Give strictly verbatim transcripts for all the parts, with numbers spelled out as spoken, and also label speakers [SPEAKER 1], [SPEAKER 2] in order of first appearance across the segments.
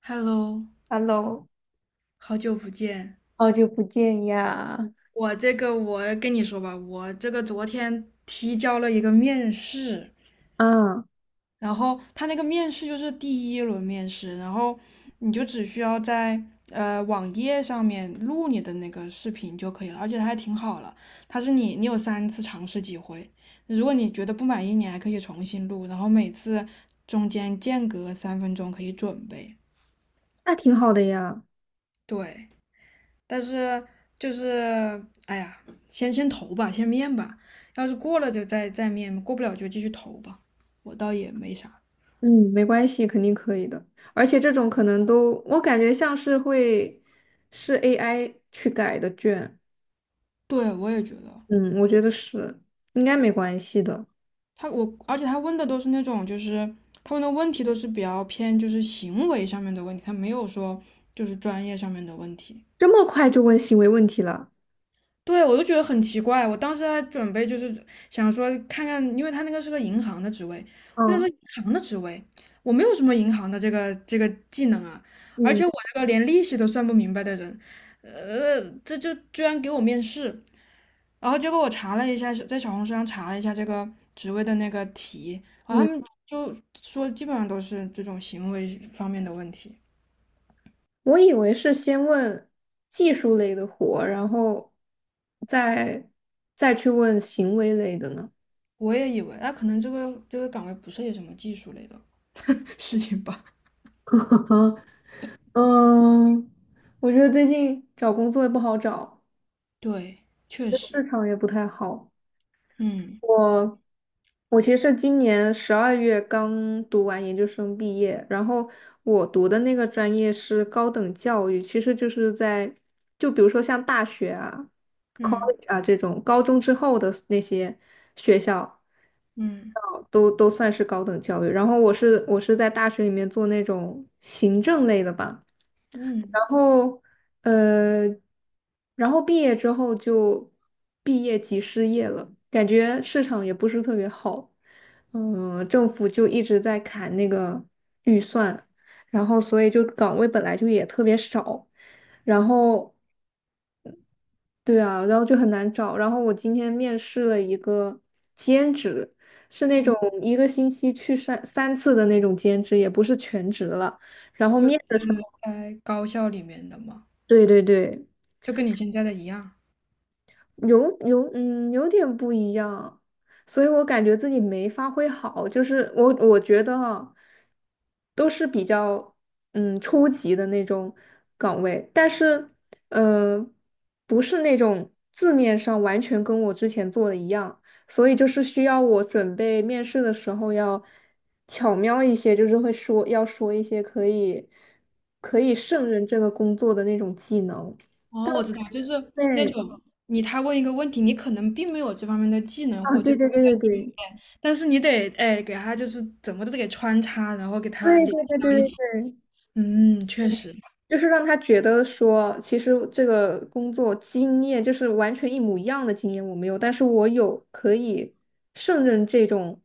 [SPEAKER 1] Hello，
[SPEAKER 2] Hello，
[SPEAKER 1] 好久不见。
[SPEAKER 2] 好久不见呀！
[SPEAKER 1] 我这个，我跟你说吧，我这个昨天提交了一个面试，
[SPEAKER 2] 啊，
[SPEAKER 1] 然后他那个面试就是第一轮面试，然后你就只需要在呃网页上面录你的那个视频就可以了，而且它还挺好了，它是你你有三次尝试机会，如果你觉得不满意，你还可以重新录，然后每次中间间隔三分钟可以准备。
[SPEAKER 2] 那挺好的呀。
[SPEAKER 1] 对。但是就是哎呀，先先投吧，先面吧，要是过了就再再面，过不了就继续投吧。我倒也没啥，
[SPEAKER 2] 嗯，没关系，肯定可以的。而且这种可能都，我感觉像是会是 A I 去改的卷。
[SPEAKER 1] 对我也觉得
[SPEAKER 2] 嗯，我觉得是，应该没关系的。
[SPEAKER 1] 他我，而且他问的都是那种就是他问的问题都是比较偏就是行为上面的问题，他没有说就是专业上面的问题。
[SPEAKER 2] 这么快就问行为问题了？
[SPEAKER 1] 对，我就觉得很奇怪。我当时还准备就是想说看看，因为他那个是个银行的职位，我想
[SPEAKER 2] 嗯
[SPEAKER 1] 说银行的职位，我没有什么银行的这个这个技能啊，而
[SPEAKER 2] 嗯
[SPEAKER 1] 且我这个连利息都算不明白的人，呃，这就居然给我面试。然后结果我查了一下，在小红书上查了一下这个职位的那个题，然后他
[SPEAKER 2] 嗯，
[SPEAKER 1] 们就说基本上都是这种行为方面的问题。
[SPEAKER 2] 我以为是先问技术类的活，然后再再去问行为类的呢。
[SPEAKER 1] 我也以为，那、可能这个这个岗位不涉及什么技术类的 事情吧。
[SPEAKER 2] 嗯，我觉得最近找工作也不好找，
[SPEAKER 1] 对，确实。
[SPEAKER 2] 市场也不太好。
[SPEAKER 1] 嗯
[SPEAKER 2] 我我其实是今年十二月刚读完研究生毕业，然后我读的那个专业是高等教育，其实就是在就比如说像大学啊、
[SPEAKER 1] 嗯
[SPEAKER 2] college 啊这种高中之后的那些学校，
[SPEAKER 1] 嗯
[SPEAKER 2] 高都都算是高等教育。然后我是我是在大学里面做那种行政类的吧，
[SPEAKER 1] 嗯
[SPEAKER 2] 然后呃，然后毕业之后就毕业即失业了，感觉市场也不是特别好，嗯、政府就一直在砍那个预算，然后所以就岗位本来就也特别少，然后。对啊，然后就很难找。然后我今天面试了一个兼职，是那种
[SPEAKER 1] 嗯，
[SPEAKER 2] 一个星期去三三次的那种兼职，也不是全职了。然后
[SPEAKER 1] 就
[SPEAKER 2] 面的时候，
[SPEAKER 1] 在高校里面的嘛，
[SPEAKER 2] 对对对，
[SPEAKER 1] 就跟你现在的一样。
[SPEAKER 2] 有有，嗯，有点不一样，所以我感觉自己没发挥好，就是我我觉得啊，都是比较嗯初级的那种岗位，但是呃不是那种字面上完全跟我之前做的一样，所以就是需要我准备面试的时候要巧妙一些，就是会说要说一些可以可以胜任这个工作的那种技能。
[SPEAKER 1] 哦，我知道，就是那
[SPEAKER 2] 对，
[SPEAKER 1] 种你他问一个问题，你可能并没有这方面的技能
[SPEAKER 2] 啊，
[SPEAKER 1] 或者
[SPEAKER 2] 对
[SPEAKER 1] 这方
[SPEAKER 2] 对
[SPEAKER 1] 面
[SPEAKER 2] 对对
[SPEAKER 1] 的经
[SPEAKER 2] 对。
[SPEAKER 1] 验，但是你得哎给他就是怎么都得给穿插，然后给他
[SPEAKER 2] 对
[SPEAKER 1] 联
[SPEAKER 2] 对
[SPEAKER 1] 系
[SPEAKER 2] 对对
[SPEAKER 1] 到一
[SPEAKER 2] 对
[SPEAKER 1] 起。
[SPEAKER 2] 对，
[SPEAKER 1] 嗯，确实，
[SPEAKER 2] 就是让他觉得说，其实这个工作经验就是完全一模一样的经验我没有，但是我有可以胜任这种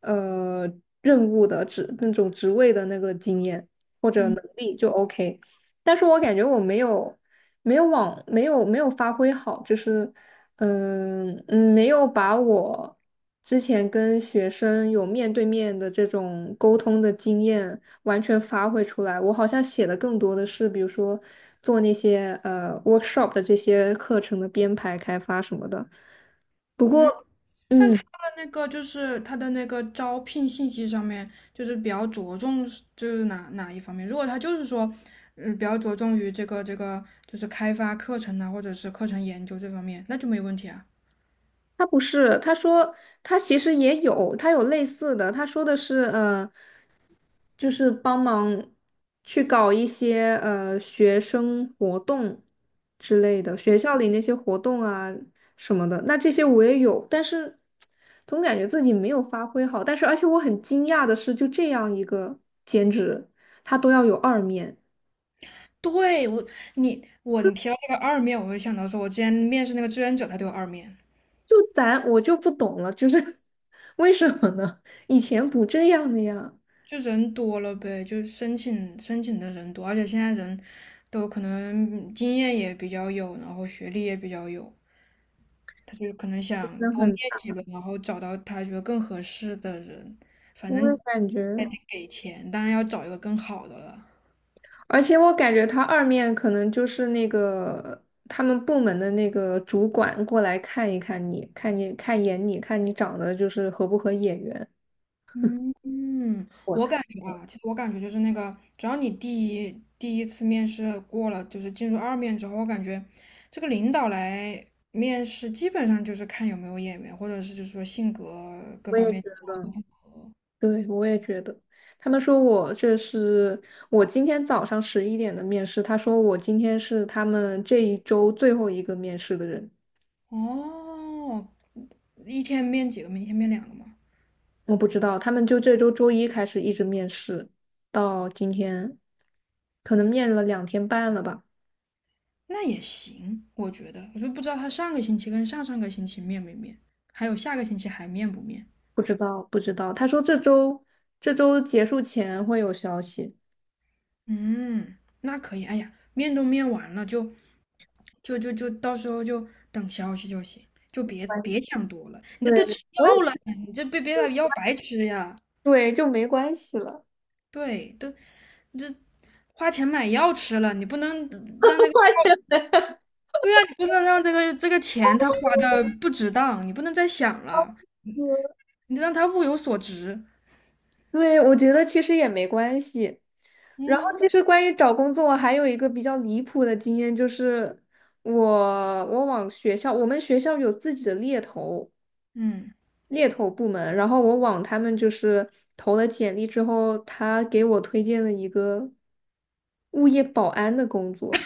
[SPEAKER 2] 呃任务的职那种职位的那个经验或者
[SPEAKER 1] 嗯
[SPEAKER 2] 能力就 OK，但是我感觉我没有没有往没有没有发挥好，就是嗯嗯没有把我之前跟学生有面对面的这种沟通的经验。完全发挥出来。我好像写的更多的是，比如说做那些呃 workshop 的这些课程的编排、开发什么的。不
[SPEAKER 1] 嗯。
[SPEAKER 2] 过，
[SPEAKER 1] 但他
[SPEAKER 2] 嗯。
[SPEAKER 1] 的那个就是他的那个招聘信息上面，就是比较着重是就是哪哪一方面？如果他就是说，嗯、比较着重于这个这个就是开发课程啊，或者是课程研究这方面，那就没问题啊。
[SPEAKER 2] 他不是，他说他其实也有，他有类似的，他说的是，呃，就是帮忙去搞一些呃学生活动之类的，学校里那些活动啊什么的。那这些我也有，但是总感觉自己没有发挥好。但是而且我很惊讶的是，就这样一个兼职，他都要有二面，
[SPEAKER 1] 对我，你我你提到这个二面，我会想到说，我之前面试那个志愿者，他都有二面，
[SPEAKER 2] 就咱我就不懂了，就是 为什么呢？以前不这样的呀，
[SPEAKER 1] 就人多了呗，就是申请申请的人多，而且现在人都可能经验也比较有，然后学历也比较有。他就可能
[SPEAKER 2] 真
[SPEAKER 1] 想
[SPEAKER 2] 的
[SPEAKER 1] 多面
[SPEAKER 2] 很。
[SPEAKER 1] 几个，然后找到他觉得更合适的人，反
[SPEAKER 2] 我也
[SPEAKER 1] 正
[SPEAKER 2] 感觉，
[SPEAKER 1] 还得给钱，当然要找一个更好的了。
[SPEAKER 2] 而且我感觉他二面可能就是那个他们部门的那个主管过来看一看你，看你看一眼你，看你长得就是合不合眼缘。
[SPEAKER 1] 嗯嗯
[SPEAKER 2] 我
[SPEAKER 1] 我
[SPEAKER 2] 猜
[SPEAKER 1] 感觉啊，其实我感觉就是那个，只要你第一第一次面试过了，就是进入二面之后，我感觉这个领导来面试，基本上就是看有没有眼缘，或者是就是说性格各
[SPEAKER 2] 我
[SPEAKER 1] 方
[SPEAKER 2] 也觉
[SPEAKER 1] 面合不
[SPEAKER 2] 得，
[SPEAKER 1] 合。
[SPEAKER 2] 对，我也觉得。他们说我这是我今天早上十一点的面试，他说我今天是他们这一周最后一个面试的人。
[SPEAKER 1] 哦，一天面几个面，一天面两个嘛。
[SPEAKER 2] 我不知道，他们就这周周一开始一直面试，到今天，可能面了两天半了吧。
[SPEAKER 1] 那也行，我觉得，我就不知道他上个星期跟上上个星期面没面，还有下个星期还面不面。
[SPEAKER 2] 不知道，不知道。他说这周这周结束前会有消息。
[SPEAKER 1] 嗯，那可以。哎呀，面都面完了，就就就就到时候就等消息就行，就别
[SPEAKER 2] 关系
[SPEAKER 1] 别想多了。你这
[SPEAKER 2] 对，
[SPEAKER 1] 都吃
[SPEAKER 2] 我也
[SPEAKER 1] 药了，你这别别把药白吃呀。
[SPEAKER 2] 对，就没关系了。
[SPEAKER 1] 对，都你这花钱买药吃了，你不能让这 个，
[SPEAKER 2] 关系
[SPEAKER 1] 对呀、你不能让这个这个钱他花的不值当，你不能再想了，你得让他物有所值。
[SPEAKER 2] 对，我觉得其实也没关系。然后，
[SPEAKER 1] 嗯
[SPEAKER 2] 其实关于找工作，还有一个比较离谱的经验，就是我我往学校，我们学校有自己的猎头
[SPEAKER 1] 嗯。
[SPEAKER 2] 猎头部门，然后我往他们就是投了简历之后，他给我推荐了一个物业保安的工作。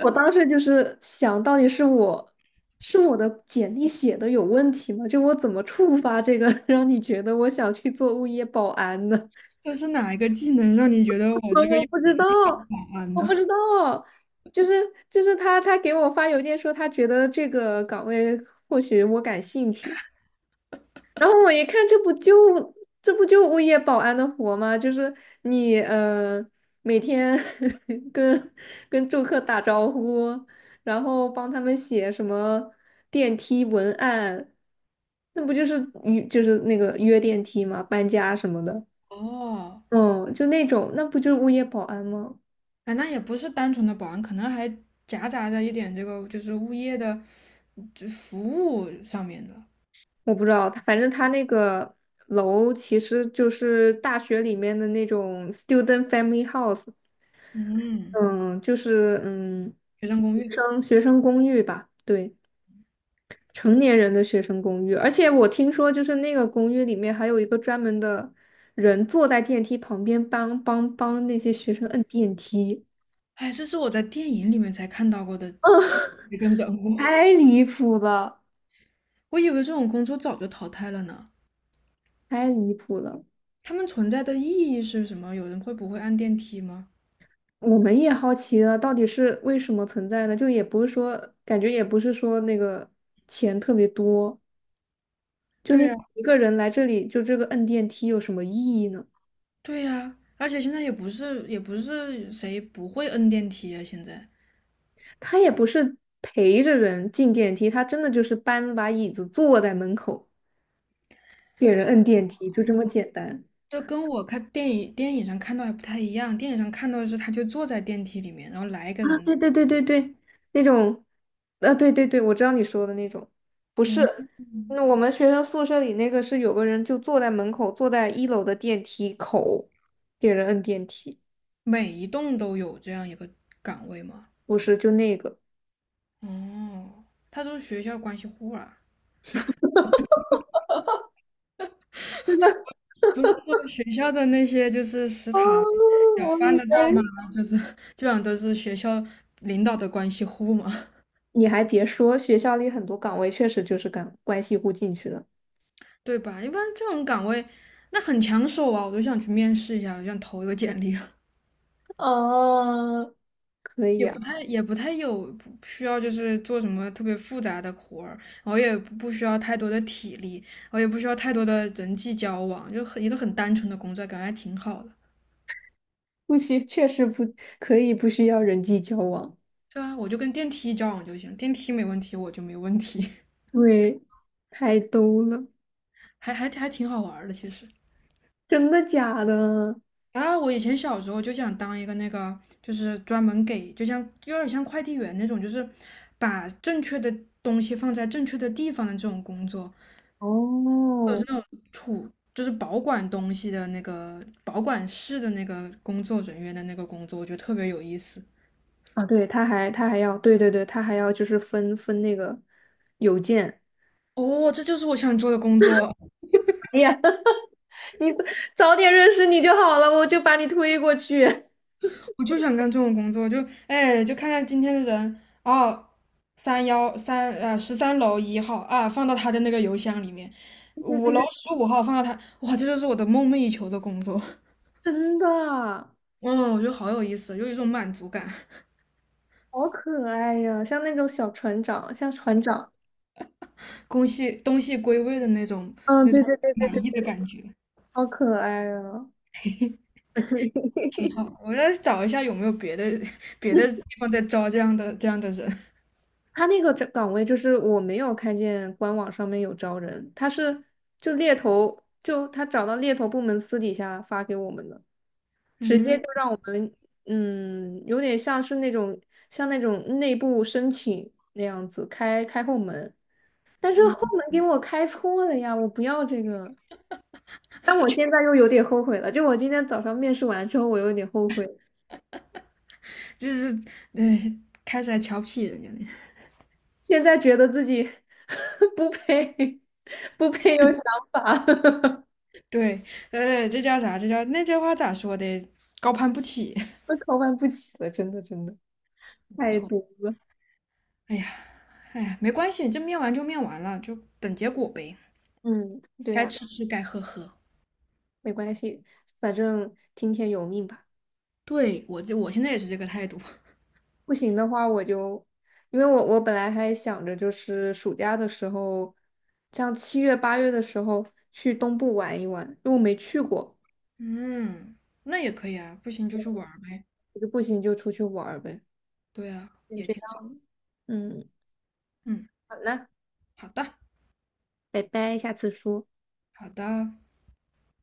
[SPEAKER 2] 我当时就是想到底是我是我的简历写的有问题吗？就我怎么触发这个，让你觉得我想去做物业保安呢？
[SPEAKER 1] 这是哪一个技能让你觉得 我
[SPEAKER 2] 我
[SPEAKER 1] 这个
[SPEAKER 2] 我
[SPEAKER 1] 有
[SPEAKER 2] 不知道，
[SPEAKER 1] 保安
[SPEAKER 2] 我
[SPEAKER 1] 呢？
[SPEAKER 2] 不知道，就是就是他他给我发邮件说他觉得这个岗位或许我感兴趣，然后我一看，这不就这不就物业保安的活吗？就是你呃每天 跟跟住客打招呼，然后帮他们写什么电梯文案，那不就是约就是那个约电梯吗？搬家什么的，
[SPEAKER 1] 哦，
[SPEAKER 2] 嗯，就那种，那不就是物业保安吗？
[SPEAKER 1] 啊，那也不是单纯的保安，可能还夹杂着一点这个就是物业的这服务上面的。
[SPEAKER 2] 我不知道，反正他那个楼其实就是大学里面的那种 student family house。
[SPEAKER 1] 嗯，
[SPEAKER 2] 嗯，就是嗯，
[SPEAKER 1] 学生公
[SPEAKER 2] 学
[SPEAKER 1] 寓，
[SPEAKER 2] 生学生公寓吧，对，成年人的学生公寓。而且我听说，就是那个公寓里面还有一个专门的人坐在电梯旁边帮帮帮那些学生摁电梯
[SPEAKER 1] 哎，这是我在电影里面才看到过的，一个人 物，
[SPEAKER 2] 太离谱了，
[SPEAKER 1] 我以为这种工作早就淘汰了呢。
[SPEAKER 2] 太离谱了。
[SPEAKER 1] 他们存在的意义是什么？有人会不会按电梯吗？
[SPEAKER 2] 我们也好奇了，到底是为什么存在呢？就也不是说，感觉也不是说那个钱特别多，就你
[SPEAKER 1] 对呀，
[SPEAKER 2] 一个人来这里，就这个摁电梯有什么意义呢？
[SPEAKER 1] 对呀，而且现在也不是也不是谁不会摁电梯啊，现在。
[SPEAKER 2] 他也不是陪着人进电梯，他真的就是搬了把椅子坐在门口给人摁电梯，就这么简单
[SPEAKER 1] 就跟我看电影电影上看到还不太一样，电影上看到的是他就坐在电梯里面，然后来一个
[SPEAKER 2] 啊！
[SPEAKER 1] 人，
[SPEAKER 2] 对对对对对，那种，啊对对对，我知道你说的那种，不是，
[SPEAKER 1] 嗯，
[SPEAKER 2] 那我们学生宿舍里那个是有个人就坐在门口，坐在一楼的电梯口给人摁电梯，
[SPEAKER 1] 每一栋都有这样一个岗位吗？
[SPEAKER 2] 不是就那个。
[SPEAKER 1] 哦，他是不是学校关系户啊，不是说学校的那些就是食
[SPEAKER 2] 哦，
[SPEAKER 1] 堂舀
[SPEAKER 2] 我
[SPEAKER 1] 饭
[SPEAKER 2] 以
[SPEAKER 1] 的大妈，
[SPEAKER 2] 为，
[SPEAKER 1] 就是基本上都是学校领导的关系户嘛，
[SPEAKER 2] 你还别说，学校里很多岗位确实就是干关系户进去的，
[SPEAKER 1] 对吧？一般这种岗位，那很抢手啊，我都想去面试一下我想投一个简历了
[SPEAKER 2] 哦，可以
[SPEAKER 1] 也不
[SPEAKER 2] 啊。
[SPEAKER 1] 太也不太有不需要，就是做什么特别复杂的活儿，然后也不不需要太多的体力，然后也不需要太多的人际交往，就很一个很单纯的工作，感觉还挺好的。
[SPEAKER 2] 不需，确实不可以不需要人际交往，
[SPEAKER 1] 对啊，我就跟电梯交往就行，电梯没问题，我就没问题，
[SPEAKER 2] 对，太逗了，
[SPEAKER 1] 还还还挺好玩儿的其实。
[SPEAKER 2] 真的假的？
[SPEAKER 1] 啊，我以前小时候就想当一个那个，就是专门给，就像有点像快递员那种，就是把正确的东西放在正确的地方的这种工作。
[SPEAKER 2] 哦，
[SPEAKER 1] 就是保管东西的那个保管室的那个工作人员的那个工作，我觉得特别有意思。
[SPEAKER 2] 啊，对，他还他还要，对对对，他还要就是分分那个邮件。
[SPEAKER 1] 哦，这就是我想做的工作，
[SPEAKER 2] 哎呀，你早点认识你就好了，我就把你推过去。
[SPEAKER 1] 我就想干这种工作，就哎，就看看今天的人哦，三幺三呃十三楼一号啊，放到他的那个邮箱里面，
[SPEAKER 2] 对
[SPEAKER 1] 五
[SPEAKER 2] 对
[SPEAKER 1] 楼
[SPEAKER 2] 对，
[SPEAKER 1] 十五号放到他，哇，这就是我的梦寐以求的工作。
[SPEAKER 2] 真的啊，
[SPEAKER 1] 嗯，我觉得好有意思，有一种满足感，
[SPEAKER 2] 好可爱呀，像那种小船长，像船长，
[SPEAKER 1] 东西东西归位的那种
[SPEAKER 2] 嗯，
[SPEAKER 1] 那
[SPEAKER 2] 对
[SPEAKER 1] 种
[SPEAKER 2] 对对，
[SPEAKER 1] 满意的感觉。
[SPEAKER 2] 好可爱啊。
[SPEAKER 1] 挺
[SPEAKER 2] 嘿。
[SPEAKER 1] 好，我再找一下有没有别的 别的地方在招这样的这样的人。
[SPEAKER 2] 他那个这岗位就是我没有看见官网上面有招人，他是就猎头，就他找到猎头部门私底下发给我们的，直接
[SPEAKER 1] 嗯，
[SPEAKER 2] 就让我们，嗯，有点像是那种像那种内部申请那样子开开后门，但是后门给我开错了呀，我不要这个，但我现在又有点后悔了，就我今天早上面试完之后，我有点后悔，
[SPEAKER 1] 就是呃，开始还瞧不起人家呢。
[SPEAKER 2] 现在觉得自己 不配 不配有想法。
[SPEAKER 1] 对，呃，这叫啥？这叫那叫话咋说的？高攀不起。
[SPEAKER 2] 我考办不起了，真的真的
[SPEAKER 1] 没
[SPEAKER 2] 太
[SPEAKER 1] 错，
[SPEAKER 2] 多了。
[SPEAKER 1] 哎呀，哎呀，没关系，这面完就面完了，就等结果呗。
[SPEAKER 2] 嗯，对
[SPEAKER 1] 该
[SPEAKER 2] 呀，
[SPEAKER 1] 吃吃，该喝喝。
[SPEAKER 2] 没关系，反正听天由命吧。
[SPEAKER 1] 对，我这我现在也是这个态度。
[SPEAKER 2] 不行的话，我就，因为我我本来还想着就是暑假的时候，像七月八月的时候去东部玩一玩，因为我没去过，
[SPEAKER 1] 嗯，那也可以啊，不行就去玩儿呗。
[SPEAKER 2] 我就不行就出去玩儿呗。
[SPEAKER 1] 对啊，
[SPEAKER 2] 先
[SPEAKER 1] 也
[SPEAKER 2] 这
[SPEAKER 1] 挺好。
[SPEAKER 2] 样，嗯，
[SPEAKER 1] 嗯，
[SPEAKER 2] 好了，
[SPEAKER 1] 好的，
[SPEAKER 2] 拜拜，下次说。
[SPEAKER 1] 好的。